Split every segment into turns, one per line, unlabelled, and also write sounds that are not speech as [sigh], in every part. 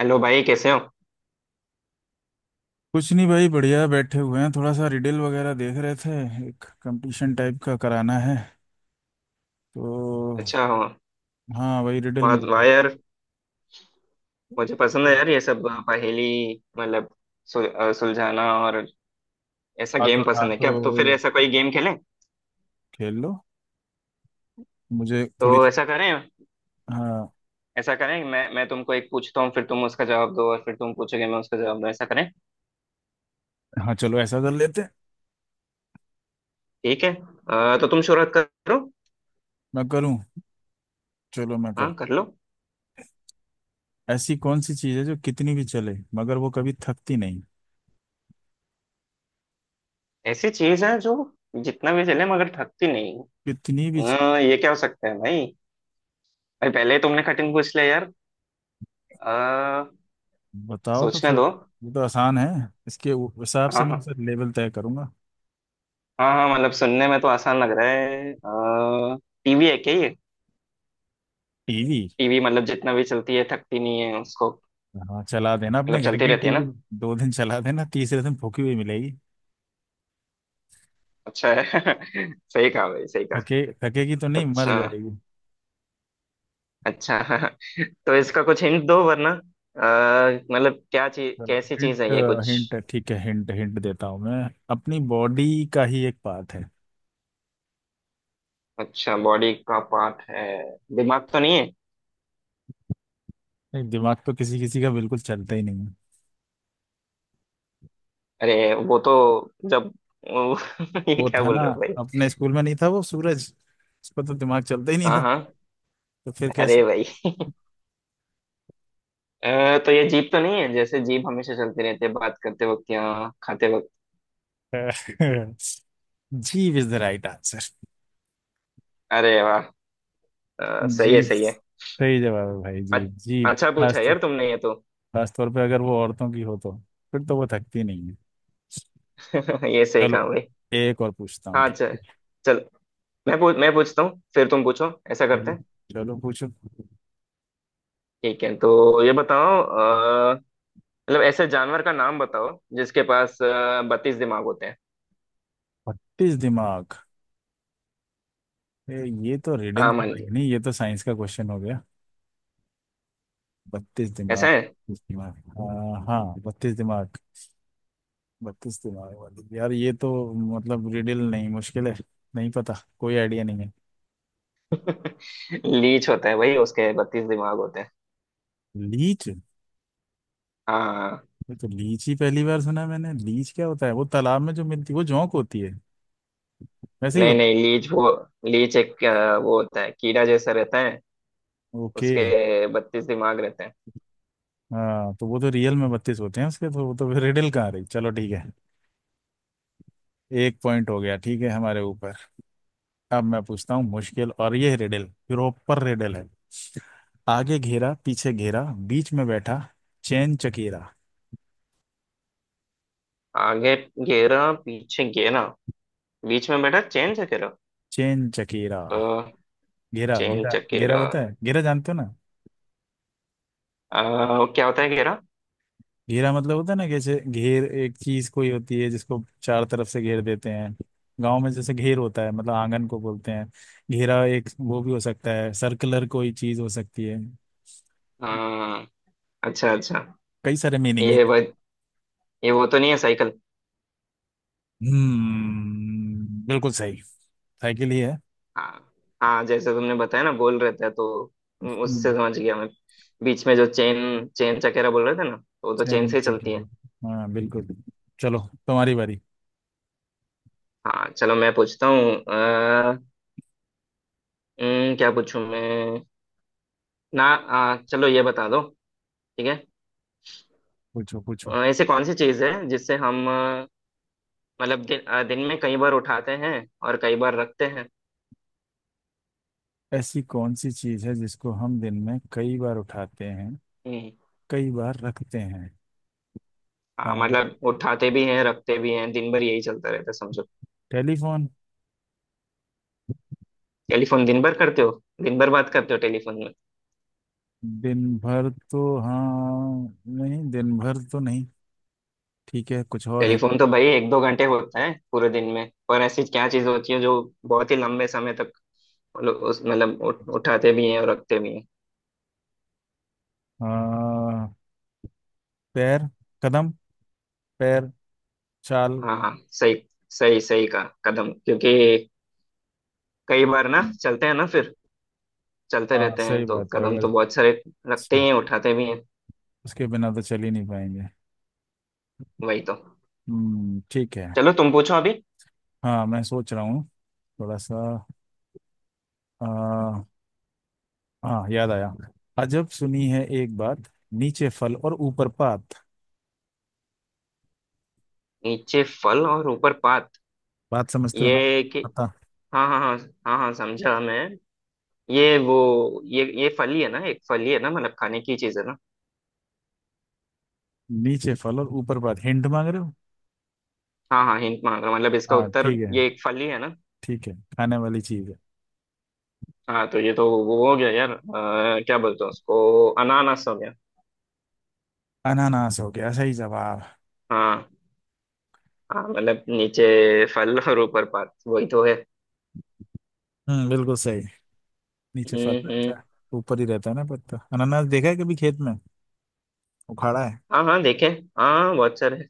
Hello भाई, कैसे हो?
कुछ नहीं भाई, बढ़िया बैठे हुए हैं। थोड़ा सा रिडल वगैरह देख रहे थे। एक कंपटीशन टाइप का कराना है तो।
अच्छा। हाँ।
हाँ, वही रिडल
वाह
में
वाह यार, मुझे पसंद है यार ये सब पहेली। मतलब सुलझाना। और ऐसा
हाँ तो
गेम
हाँ
पसंद है
तो
क्या? तो फिर ऐसा कोई गेम खेलें।
खेल लो। मुझे थोड़ी
तो
सी।
ऐसा करें।
हाँ
ऐसा करें, मैं तुमको एक पूछता हूँ, फिर तुम उसका जवाब दो, और फिर तुम पूछोगे, मैं उसका जवाब दूँ। ऐसा करें?
हाँ, चलो ऐसा कर लेते हैं।
ठीक है। तो तुम शुरुआत करो।
मैं करूँ? चलो, मैं कर।
हाँ, कर लो।
ऐसी कौन सी चीज़ है जो कितनी भी चले मगर वो कभी थकती नहीं?
ऐसी चीज है जो जितना भी चले मगर थकती नहीं।
कितनी भी चीज़-
ये क्या हो सकता है भाई? भाई, पहले ही तुमने कठिन पूछ लिया यार। अ,
बताओ तो
सोचने
फिर।
दो।
ये तो आसान है। इसके हिसाब से
हाँ
मैं
हाँ।
फिर लेवल तय करूंगा।
हाँ हाँ, मतलब सुनने में तो आसान लग रहा है। टीवी है क्या ये?
टीवी?
टीवी मतलब जितना भी चलती है थकती नहीं है उसको।
हाँ, चला देना अपने
मतलब
घर
चलती
की
रहती है ना।
टीवी। 2 दिन चला देना, तीसरे दिन फूकी हुई मिलेगी।
अच्छा है। [laughs] सही कहा भाई, सही कहा।
थकेगी तो नहीं, मर
अच्छा।
जाएगी।
अच्छा। [laughs] तो इसका कुछ हिंट दो, वरना मतलब क्या चीज,
चलो,
कैसी चीज
हिंट।
है ये कुछ।
हिंट ठीक है। हिंट हिंट देता हूँ मैं। अपनी बॉडी का ही एक पार्ट है।
अच्छा, बॉडी का पार्ट है। दिमाग तो नहीं है?
नहीं, दिमाग तो किसी किसी का बिल्कुल चलता ही नहीं है।
अरे वो तो। जब [laughs] वो- ये
वो
क्या
था
बोल
ना,
रहे हो भाई?
अपने स्कूल में नहीं था वो सूरज? उसका तो दिमाग चलता ही नहीं
हाँ
था।
हाँ।
तो फिर कैसे?
अरे भाई, तो ये जीप तो नहीं है? जैसे जीप हमेशा चलती रहती है बात करते वक्त या खाते वक्त।
[laughs] जीभ इज द राइट आंसर।
अरे वाह! सही है,
जीभ
सही है।
सही जवाब है भाई,
अच-
जीभ। जीभ
अच्छा पूछा यार तुमने ये तो।
खास तौर पे अगर वो औरतों की हो तो फिर तो वो थकती नहीं है।
[laughs] ये सही कहा
चलो,
भाई।
एक और पूछता हूँ,
हाँ,
ठीक
चल
है?
चल। मैं पूछता हूँ, फिर तुम पूछो, ऐसा करते
चलो
हैं।
चलो, पूछो।
ठीक है, तो ये बताओ। मतलब ऐसे जानवर का नाम बताओ जिसके पास 32 दिमाग होते हैं।
32 दिमाग? ए, ये तो रिडल
हाँ,
तो
मान
नहीं
ली।
नहीं, ये तो साइंस का क्वेश्चन हो गया। 32
ऐसा
दिमाग,
है।
32 दिमाग, हाँ, 32 दिमाग। 32 दिमाग वाली, यार ये तो मतलब रिडल नहीं, मुश्किल है। नहीं पता। कोई आइडिया नहीं है।
[laughs] लीच होता है भाई, उसके 32 दिमाग होते हैं।
लीच?
हाँ।
ये तो लीच ही पहली बार सुना मैंने। लीच क्या होता है, वो तालाब में जो मिलती है, वो जोंक होती है? वैसे ही
नहीं
होता
नहीं, लीच वो। लीच एक वो होता है, कीड़ा जैसा रहता है।
है? ओके।
उसके 32 दिमाग रहते हैं।
हाँ तो वो तो रियल में 32 होते हैं उसके, तो वो तो रिडल कहाँ रही। चलो ठीक है। एक पॉइंट हो गया, ठीक है, हमारे ऊपर। अब मैं पूछता हूँ मुश्किल, और ये रिडल प्रॉपर रिडल है। आगे घेरा पीछे घेरा, बीच में बैठा चैन चकेरा।
आगे घेरा, पीछे घेरा, बीच में बेटा चेन चकेरा।
चैन चकेरा।
तो
घेरा,
चेन
घेरा, घेरा
चकेरा।
होता है, घेरा जानते हो ना?
क्या होता है घेरा?
घेरा मतलब होता है ना, जैसे घेर एक चीज कोई होती है जिसको चार तरफ से घेर देते हैं। गांव में जैसे घेर होता है, मतलब आंगन को बोलते हैं। घेरा, एक वो भी हो सकता है, सर्कुलर कोई चीज हो सकती है।
अ, अच्छा अच्छा।
कई सारे मीनिंग है।
ये वो ये वो तो नहीं है, साइकिल?
हम्म, बिल्कुल सही। साइकिल ही है।
हाँ हाँ, जैसे तुमने बताया ना, गोल रहता है, तो उससे समझ गया मैं। बीच में जो चेन चेन चकेरा बोल रहे थे ना, तो वो तो चेन
ट्रेन
से ही चलती है।
सिक्योरिटी, हाँ बिल्कुल। चलो, तुम्हारी बारी।
हाँ, चलो मैं पूछता हूँ। अ, क्या पूछूं मैं? ना चलो ये बता दो। ठीक है।
पूछो पूछो।
ऐसी कौन सी चीज़ है जिससे हम मतलब दिन में कई बार उठाते हैं और कई बार रखते हैं।
ऐसी कौन सी चीज है जिसको हम दिन में कई बार उठाते हैं,
हम्म।
कई बार रखते हैं? हाँ।
मतलब उठाते भी हैं, रखते भी हैं, दिन भर यही चलता रहता है, समझो।
टेलीफोन।
टेलीफोन दिन भर करते हो? दिन भर बात करते हो टेलीफोन में?
दिन भर तो हाँ नहीं, दिन भर तो नहीं। ठीक है, कुछ और है?
टेलीफोन तो भाई एक दो घंटे होता है पूरे दिन में, पर ऐसी क्या चीज़ होती है जो बहुत ही लंबे समय तक मतलब उस मतलब उठाते भी हैं और रखते भी हैं।
हाँ। पैर। कदम। पैर। चाल।
हाँ हाँ, सही। सही सही का कदम, क्योंकि कई बार ना चलते हैं ना, फिर चलते
हाँ
रहते हैं,
सही
तो
बात है,
कदम
अगर
तो बहुत सारे रखते
सही-
ही हैं, उठाते भी हैं।
उसके बिना तो चल ही नहीं पाएंगे।
वही तो।
हम्म, ठीक है।
चलो तुम पूछो अभी।
हाँ, मैं सोच रहा हूँ थोड़ा सा। हाँ, याद आया। अजब सुनी है एक बात, नीचे फल और ऊपर पात।
नीचे फल और ऊपर पात।
बात समझते हो ना?
ये कि।
पता?
हाँ हाँ हाँ। हाँ हाँ, समझा मैं। ये वो। ये फल ही है ना? एक फल ही है ना? मतलब खाने की चीज है ना?
नीचे फल और ऊपर पात, हिंट मांग रहे हो?
हाँ हाँ, हिंट मांग रहा हूँ, मतलब इसका
हाँ
उत्तर
ठीक है।
ये एक फल ही है ना?
ठीक है, खाने वाली चीज है।
हाँ, तो ये तो वो हो गया यार, क्या बोलते हैं उसको, अनानास हो गया।
अनानास हो गया? सही जवाब।
हाँ। हाँ, मतलब नीचे फल और ऊपर पात, वही तो है।
हम्म, बिल्कुल सही। नीचे फल
हम्म।
रहता है।
हम्म।
ऊपर ही रहता है ना पत्ता। अनानास देखा है कभी खेत में? उखाड़ा है?
हाँ हाँ देखे। हाँ बहुत सारे।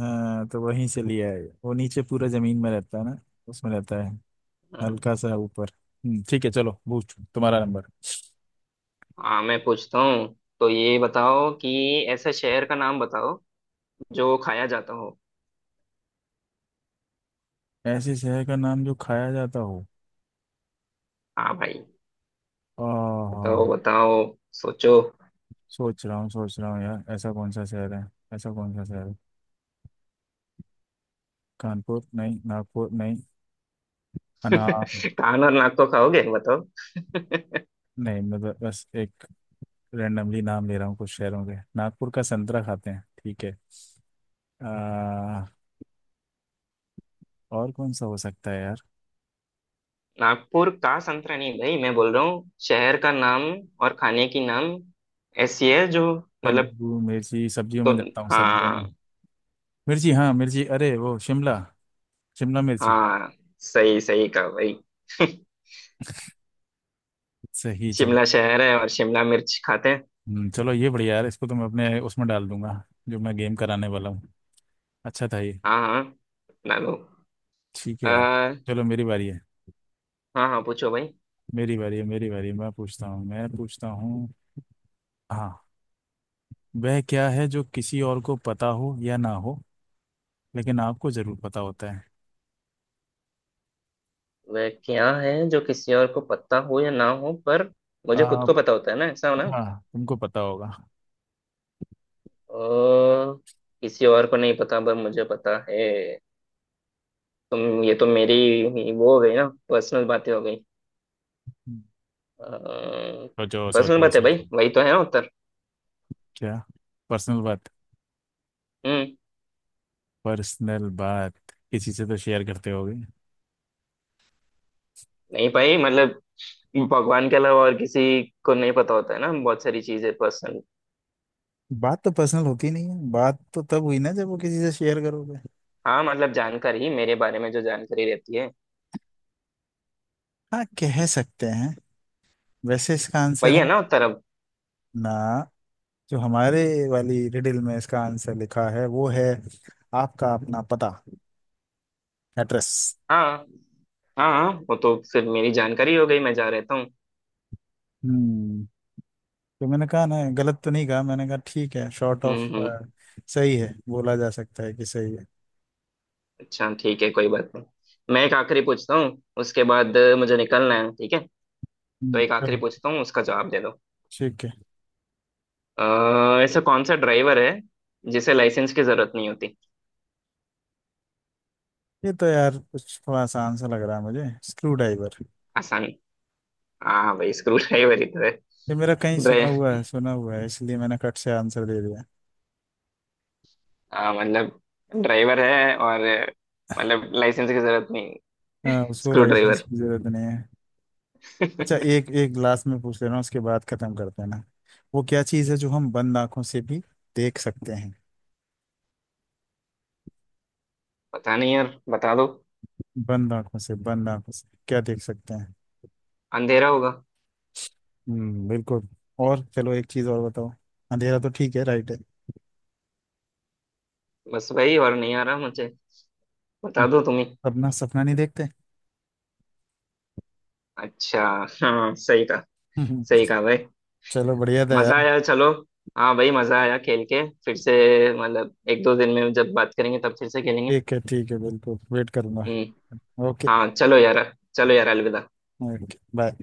हाँ तो वहीं से लिया है वो, नीचे पूरा जमीन में रहता है ना। उसमें रहता है। हल्का सा ऊपर। हम्म, ठीक है, चलो पूछ, तुम्हारा नंबर।
हाँ, मैं पूछता हूँ। तो ये बताओ कि ऐसे शहर का नाम बताओ जो खाया जाता हो।
ऐसी शहर का नाम जो खाया जाता हो?
हाँ भाई।
हाँ
बताओ
हाँ।
बताओ। सोचो।
सोच रहा हूँ, सोच रहा हूँ यार, ऐसा कौन सा शहर है। ऐसा कौन सा शहर है? कानपुर नहीं, नागपुर नहीं, अना।
[laughs] कान और नाक को खाओगे? बताओ।
नहीं, मैं बस एक रैंडमली नाम ले रहा हूँ कुछ शहरों के। नागपुर का संतरा खाते हैं, ठीक है। आ, और कौन सा हो सकता है यार?
नागपुर का संतरा नहीं भाई, मैं बोल रहा हूँ शहर का नाम और खाने की नाम। ऐसी है जो मतलब।
कद्दू, मिर्ची, सब्जियों
तो।
में जाता हूँ, सब्जियों में।
हाँ
मिर्ची, हाँ मिर्ची, अरे वो शिमला, शिमला मिर्ची।
हाँ, सही, सही कहा भाई। [laughs]
सही जवाब।
शिमला शहर है और शिमला मिर्च खाते हैं।
चलो ये बढ़िया यार, इसको तो मैं अपने उसमें डाल दूंगा, जो मैं गेम कराने वाला हूँ। अच्छा था ये।
हाँ हाँ। ना लो।
ठीक है यार।
आ,
चलो, मेरी बारी है।
हाँ हाँ, पूछो भाई।
मेरी बारी है, मेरी बारी है। मैं पूछता हूँ, मैं पूछता हूँ। हाँ। वह क्या है जो किसी और को पता हो या ना हो, लेकिन आपको जरूर पता होता है?
वह क्या है जो किसी और को पता हो या ना हो पर मुझे खुद
आ,
को पता होता है ना, ऐसा हो ना?
हाँ, तुमको पता होगा।
ओ, किसी और को नहीं पता पर मुझे पता है। तुम ये तो मेरी ही वो हो गई ना, पर्सनल बातें हो गई।
सोचो,
पर्सनल
सोचो,
बातें
सोचो।
भाई, वही तो है ना उत्तर।
क्या? पर्सनल बात?
हम्म।
पर्सनल बात किसी से तो शेयर करते होगे।
नहीं भाई, मतलब भगवान के अलावा और किसी को नहीं पता होता है ना, बहुत सारी चीजें पर्सनल।
बात तो पर्सनल होती नहीं है, बात तो तब हुई ना जब वो किसी से शेयर करोगे।
हाँ, मतलब जानकारी, मेरे बारे में जो जानकारी रहती है,
हाँ, कह सकते हैं। वैसे इसका आंसर
वही
है
है ना उत्तर अब।
ना, जो हमारे वाली रिडल में इसका आंसर लिखा है वो है, आपका अपना पता, एड्रेस।
हाँ हाँ। हाँ, वो तो फिर मेरी जानकारी हो गई, मैं जा रहता हूँ।
हम्म। तो मैंने कहा ना, गलत तो नहीं कहा मैंने, कहा ठीक है, शॉर्ट ऑफ।
हम्म, हम्म।
सही है, बोला जा सकता है कि सही है।
अच्छा, ठीक है, कोई बात नहीं। मैं एक आखिरी पूछता हूँ, उसके बाद मुझे निकलना है, ठीक है? तो
हम्म,
एक आखिरी
चलो,
पूछता हूँ, उसका जवाब दे दो।
ठीक है।
ऐसा कौन सा ड्राइवर है जिसे लाइसेंस की जरूरत नहीं होती?
ये तो यार कुछ थोड़ा आसान सा लग रहा है मुझे। Screw driver.
आसान? हाँ भाई, स्क्रू ड्राइवर ही तो है।
ये मेरा कहीं सुना हुआ
ड्राइव।
है, सुना हुआ है, इसलिए मैंने कट से आंसर दे दिया।
हाँ, मतलब ड्राइवर है और मतलब लाइसेंस की जरूरत नहीं।
हाँ, उसको
स्क्रू
लाइसेंस
ड्राइवर।
की जरूरत नहीं है। अच्छा,
[laughs]
एक एक लास्ट में पूछ ले रहा हूँ, उसके बाद खत्म करते हैं ना। वो क्या चीज़ है जो हम बंद आंखों से भी देख सकते हैं?
पता नहीं यार, बता दो।
बंद आंखों से, बंद आंखों से क्या देख सकते हैं?
अंधेरा होगा।
हम्म, बिल्कुल। और चलो, एक चीज और बताओ। अंधेरा तो ठीक है, राइट है।
बस भाई, और नहीं आ रहा मुझे, बता दो तुम्हें।
अपना सपना नहीं देखते।
अच्छा। हाँ, सही कहा।
हम्म,
सही कहा भाई,
चलो बढ़िया था
मजा
यार।
आया। चलो, हाँ भाई मजा आया खेल के, फिर से मतलब एक दो दिन में जब बात करेंगे तब फिर से खेलेंगे।
ठीक है ठीक है, बिल्कुल वेट करूंगा।
हम्म।
ओके।
हाँ चलो यार। चलो यार, अलविदा।
Okay bye.